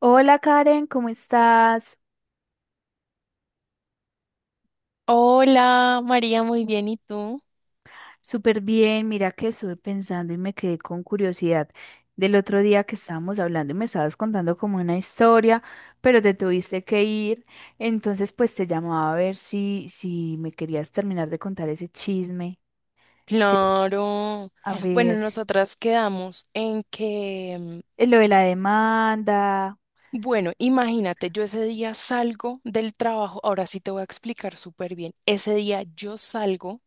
Hola Karen, ¿cómo estás? Hola, María, muy bien, ¿y tú? Súper bien, mira que estuve pensando y me quedé con curiosidad del otro día que estábamos hablando y me estabas contando como una historia, pero te tuviste que ir, entonces pues te llamaba a ver si me querías terminar de contar ese chisme, que, Claro. a Bueno, ver, nosotras quedamos en que, lo de la demanda. bueno, imagínate, yo ese día salgo del trabajo, ahora sí te voy a explicar súper bien. Ese día yo salgo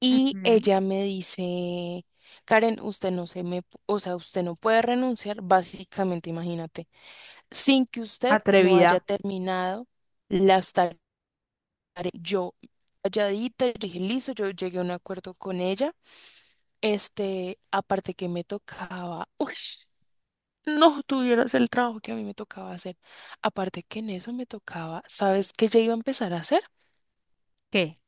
y Ujú. ella me dice, Karen, usted no se me, o sea, usted no puede renunciar, básicamente, imagínate, sin que usted no haya Atrevida. terminado las tareas. Yo calladita, yo dije, listo, yo llegué a un acuerdo con ella. Aparte que me tocaba, uy, no tuvieras el trabajo que a mí me tocaba hacer. Aparte que en eso me tocaba, ¿sabes qué ya iba a empezar a hacer? ¿Qué?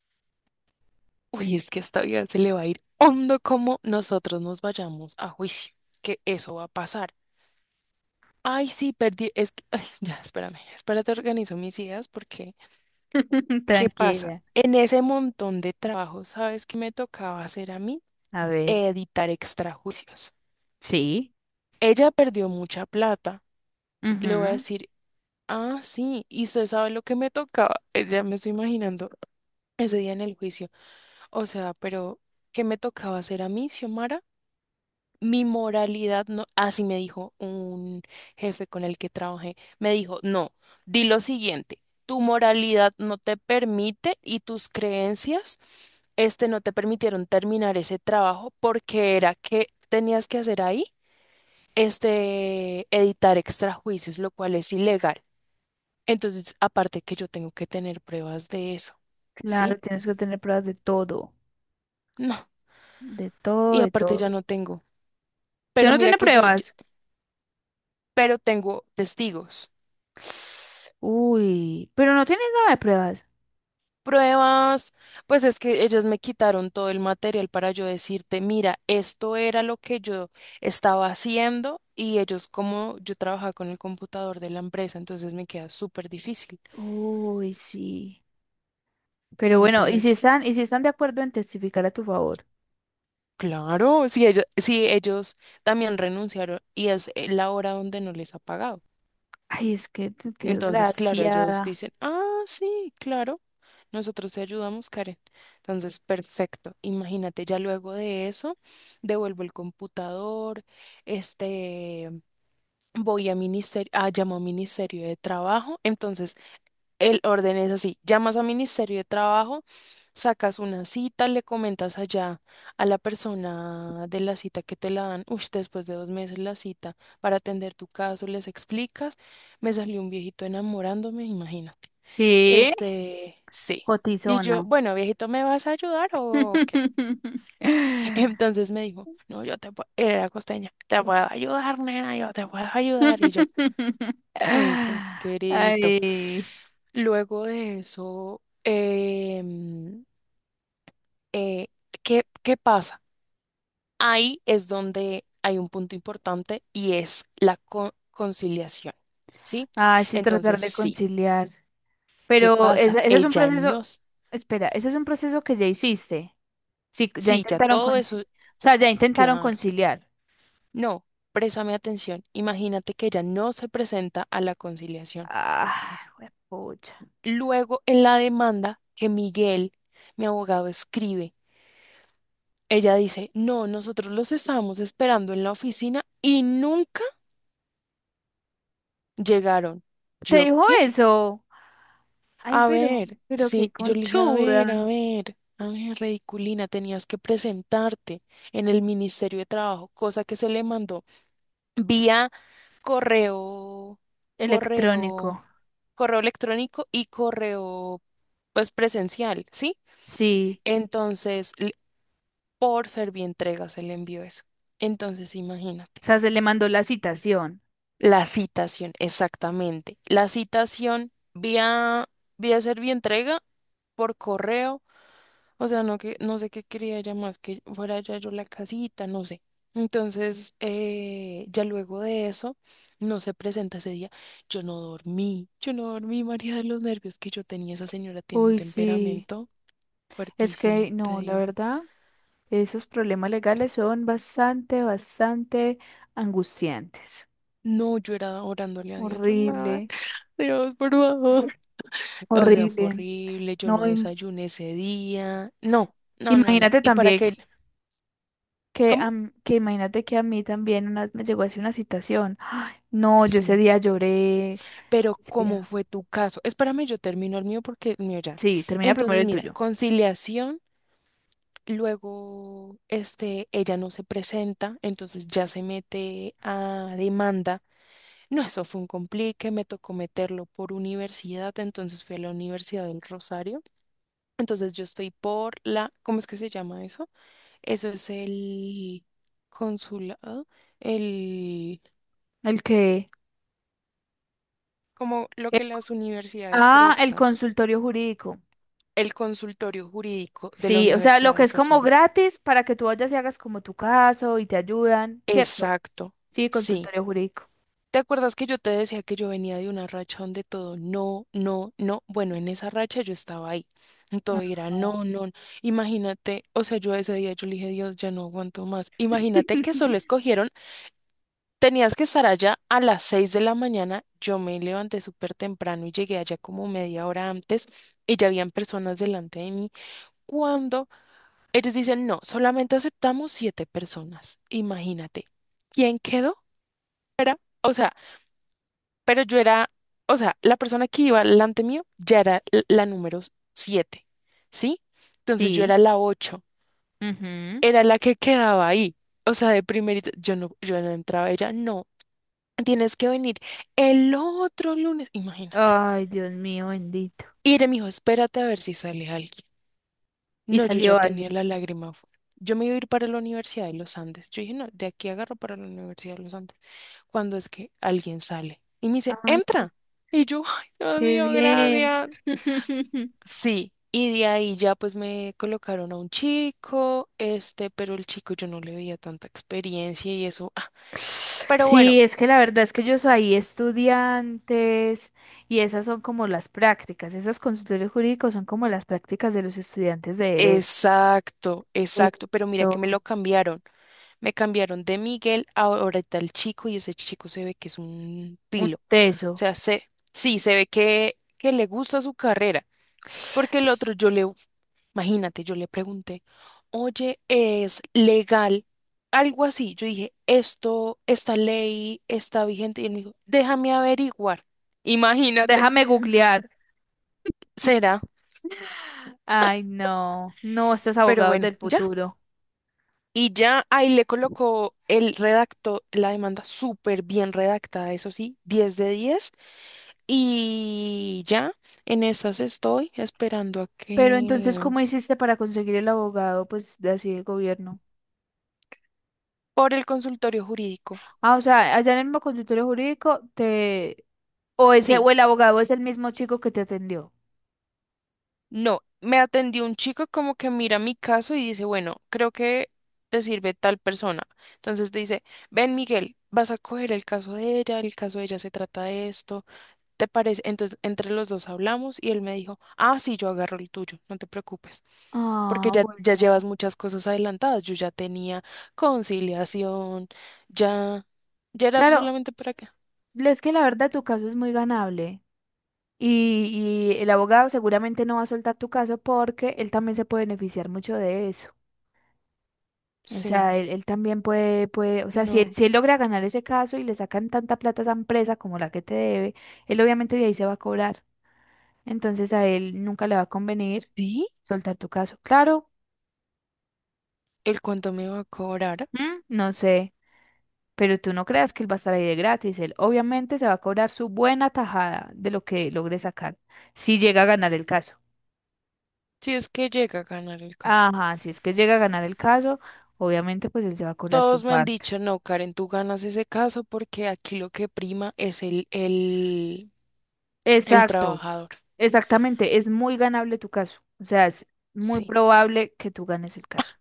Uy, es que esta vida se le va a ir hondo como nosotros nos vayamos a juicio, que eso va a pasar. Ay, sí, perdí, es que, ay, ya, espérame, espérate, organizo mis ideas porque, ¿qué pasa? Tranquila. En ese montón de trabajo, ¿sabes qué me tocaba hacer a mí? A ver, Editar extrajudicios. sí. Ella perdió mucha plata. Le voy a Ujú. decir, ah, sí, y usted sabe lo que me tocaba, ya me estoy imaginando ese día en el juicio. O sea, pero ¿qué me tocaba hacer a mí, Xiomara? Mi moralidad no, así me dijo un jefe con el que trabajé, me dijo, no, di lo siguiente, tu moralidad no te permite y tus creencias, no te permitieron terminar ese trabajo porque era que tenías que hacer ahí, editar extrajuicios, lo cual es ilegal. Entonces, aparte que yo tengo que tener pruebas de eso, ¿sí? Claro, tienes que tener pruebas de todo. No. De todo, Y de aparte todo. ya no tengo. ¿Usted Pero no mira tiene que pruebas? pero tengo testigos. Uy, pero no tienes nada de pruebas. Pruebas, pues es que ellas me quitaron todo el material para yo decirte, mira, esto era lo que yo estaba haciendo y ellos como yo trabajaba con el computador de la empresa, entonces me queda súper difícil. Uy, sí. Pero bueno, ¿y si Entonces, están de acuerdo en testificar a tu favor? claro, si ellos también renunciaron y es la hora donde no les ha pagado. Ay, es que Entonces, claro, ellos desgraciada. dicen, ah, sí, claro, nosotros te ayudamos, Karen. Entonces, perfecto. Imagínate, ya luego de eso, devuelvo el computador, este, voy a ministerio, ah, llamo a Ministerio de Trabajo. Entonces, el orden es así, llamas a Ministerio de Trabajo, sacas una cita, le comentas allá a la persona de la cita que te la dan, uy, después de 2 meses la cita, para atender tu caso, les explicas, me salió un viejito enamorándome, imagínate. ¿Qué? Sí. Y yo, Cotizona. bueno, viejito, ¿me vas a ayudar o qué? Entonces me dijo, no, yo te puedo, era costeña, te puedo ayudar, nena, yo te puedo ayudar. Y yo, uy, qué queridito. Ay, Luego de eso, eh, ¿qué pasa? Ahí es donde hay un punto importante y es la conciliación, ¿sí? ay, sí, tratar Entonces, de sí, conciliar. ¿qué Pero pasa? ese es un Ella proceso, nos... espera, ese es un proceso que ya hiciste. Sí, ya Sí, ya intentaron todo eso, o sea, ya intentaron claro. conciliar. No, préstame atención. Imagínate que ella no se presenta a la conciliación. Ah, pucha. Luego, en la demanda que Miguel, mi abogado, escribe. Ella dice, no, nosotros los estábamos esperando en la oficina y nunca llegaron. ¿Te ¿Yo dijo qué? eso? Ay, A ver, pero qué sí, yo le dije, a ver, conchuda. a ver, a ver, ridiculina, tenías que presentarte en el Ministerio de Trabajo, cosa que se le mandó vía correo, correo, Electrónico. Electrónico y correo, pues presencial, ¿sí? Sí. Entonces, por Servientrega se le envió eso. Entonces, imagínate. O sea, se le mandó la citación. La citación, exactamente. La citación vía, vía entrega por correo, o sea, no que, no sé qué quería ella más que fuera ya yo la casita, no sé. Entonces, ya luego de eso, no se presenta ese día. Yo no dormí, María, de los nervios que yo tenía. Esa señora tiene un Uy, sí. temperamento Es fuertísimo, que te no, la digo. verdad, esos problemas legales son bastante, bastante angustiantes. No, yo era orándole a Dios, yo, madre, Horrible, Dios, por favor. O sea, fue horrible. horrible, yo No, no im- desayuné ese día. No, no, no, no. Imagínate ¿Y para también qué? Que, ¿Cómo? am- que imagínate que a mí también una vez me llegó así una citación. Ay, no, yo ese Sí. día lloré. Pero Ese ¿cómo día- fue tu caso? Espérame, yo termino el mío porque el mío ya. Sí, termina primero Entonces, el mira, tuyo. conciliación, luego, ella no se presenta, entonces ya se mete a demanda. No, eso fue un complique, me tocó meterlo por universidad, entonces fui a la Universidad del Rosario. Entonces yo estoy por la, ¿cómo es que se llama eso? Eso es el consulado, el, El que... como lo eh, que las universidades ah, el prestan, consultorio jurídico. el consultorio jurídico de la Sí, o sea, lo Universidad que del es como Rosario. gratis para que tú vayas y hagas como tu caso y te ayudan, ¿cierto? Exacto, Sí, sí. consultorio jurídico. ¿Te acuerdas que yo te decía que yo venía de una racha donde todo no, no, no? Bueno, en esa racha yo estaba ahí. Todo era Ajá. no, no. no. Imagínate, o sea, yo ese día yo le dije, Dios, ya no aguanto más. Imagínate que solo escogieron. Tenías que estar allá a las 6 de la mañana. Yo me levanté súper temprano y llegué allá como media hora antes y ya habían personas delante de mí. Cuando ellos dicen, no, solamente aceptamos 7 personas. Imagínate. ¿Quién quedó? Era, o sea, pero yo era, o sea, la persona que iba delante mío ya era la número 7, ¿sí? Entonces yo Sí. era la 8, Ujú. era la que quedaba ahí. O sea, de primerito, yo no entraba, ella no. Tienes que venir el otro lunes, imagínate. Ay, Dios mío, bendito. Y me dijo, espérate a ver si sale alguien. Y No, yo ya salió tenía alguien. la lágrima afuera. Yo me iba a ir para la Universidad de los Andes. Yo dije, no, de aquí agarro para la Universidad de los Andes. Cuando es que alguien sale y me dice, Ay, qué, entra. Y yo, ay, Dios qué mío, bien. gracias. Sí. Y de ahí ya pues me colocaron a un chico, pero el chico yo no le veía tanta experiencia y eso. Ah, pero bueno, Sí, es que la verdad es que ellos ahí estudiantes y esas son como las prácticas, esos consultorios jurídicos son como las prácticas de los estudiantes de derecho. exacto, exacto. Pero mira Esto, que me lo cambiaron. Me cambiaron de Miguel a ahora tal chico y ese chico se ve que es un un pilo. O teso. sea, se, sí, se ve que le gusta su carrera. Porque el otro, S- yo le, imagínate, yo le pregunté, oye, ¿es legal? Algo así. Yo dije, esto, esta ley está vigente. Y él me dijo, déjame averiguar. Imagínate, Déjame googlear. será. Ay, no, no, estos Pero abogados bueno, del ya. futuro. Y ya ahí le colocó el redacto, la demanda súper bien redactada, eso sí, 10 de 10. Y ya, en esas estoy esperando a Pero entonces, que... ¿cómo hiciste para conseguir el abogado, pues, de así del gobierno? Por el consultorio jurídico. Ah, o sea, allá en el mismo consultorio jurídico te... O ese, Sí, o el abogado es el mismo chico que te atendió. no, me atendió un chico como que mira mi caso y dice, bueno, creo que te sirve tal persona. Entonces te dice, ven Miguel, vas a coger el caso de ella, el caso de ella se trata de esto. ¿Te parece? Entonces, entre los dos hablamos y él me dijo, ah, sí, yo agarro el tuyo, no te preocupes, porque Ah, ya, ya llevas bueno. muchas cosas adelantadas. Yo ya tenía conciliación, ya, ya era Claro, solamente para acá. es que la verdad tu caso es muy ganable y el abogado seguramente no va a soltar tu caso porque él también se puede beneficiar mucho de eso. O Sí, sea, él también puede, o sea, si él, no. si él logra ganar ese caso y le sacan tanta plata a esa empresa como la que te debe, él obviamente de ahí se va a cobrar. Entonces a él nunca le va a convenir ¿Sí? soltar tu caso. Claro, ¿El cuánto me va a cobrar? ¿mm? No sé, pero tú no creas que él va a estar ahí de gratis. Él obviamente se va a cobrar su buena tajada de lo que logre sacar si llega a ganar el caso. Si es que llega a ganar el caso. Ajá, si es que llega a ganar el caso, obviamente pues él se va a cobrar su Todos me han parte. dicho, no, Karen, tú ganas ese caso porque aquí lo que prima es el Exacto, trabajador. exactamente, es muy ganable tu caso, o sea, es muy Sí, probable que tú ganes el caso.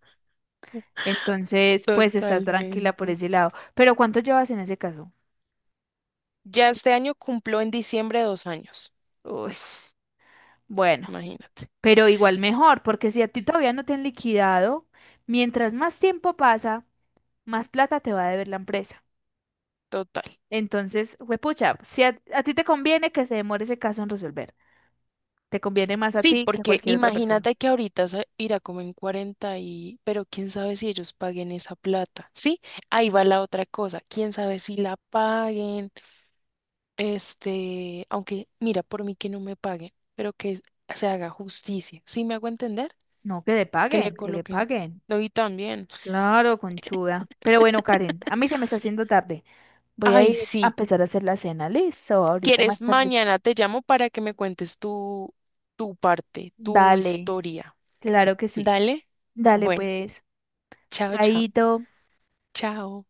Entonces, pues está tranquila por totalmente. ese lado. Pero ¿cuánto llevas en ese caso? Ya este año cumplo en diciembre 2 años, Uy, bueno, imagínate. pero igual mejor, porque si a ti todavía no te han liquidado, mientras más tiempo pasa, más plata te va a deber la empresa. Total. Entonces, huepucha, si a, a ti te conviene que se demore ese caso en resolver. Te conviene más a Sí, ti que a porque cualquier otra persona. imagínate que ahorita se irá como en 40 y, pero quién sabe si ellos paguen esa plata, ¿sí? Ahí va la otra cosa, quién sabe si la paguen, aunque mira, por mí que no me paguen, pero que se haga justicia, ¿sí me hago entender? No, que le Que paguen, le que le coloquen. paguen. No, y también. Claro, conchuda. Pero bueno, Karen, a mí se me está haciendo tarde. Voy a Ay, ir a sí, empezar a hacer la cena. Listo, ahorita quieres, más tarde. Sí. mañana te llamo para que me cuentes tu, tu parte, tu Dale, historia. claro que sí. Dale. Dale, Bueno, pues. chao, chao. Chaito. Chao.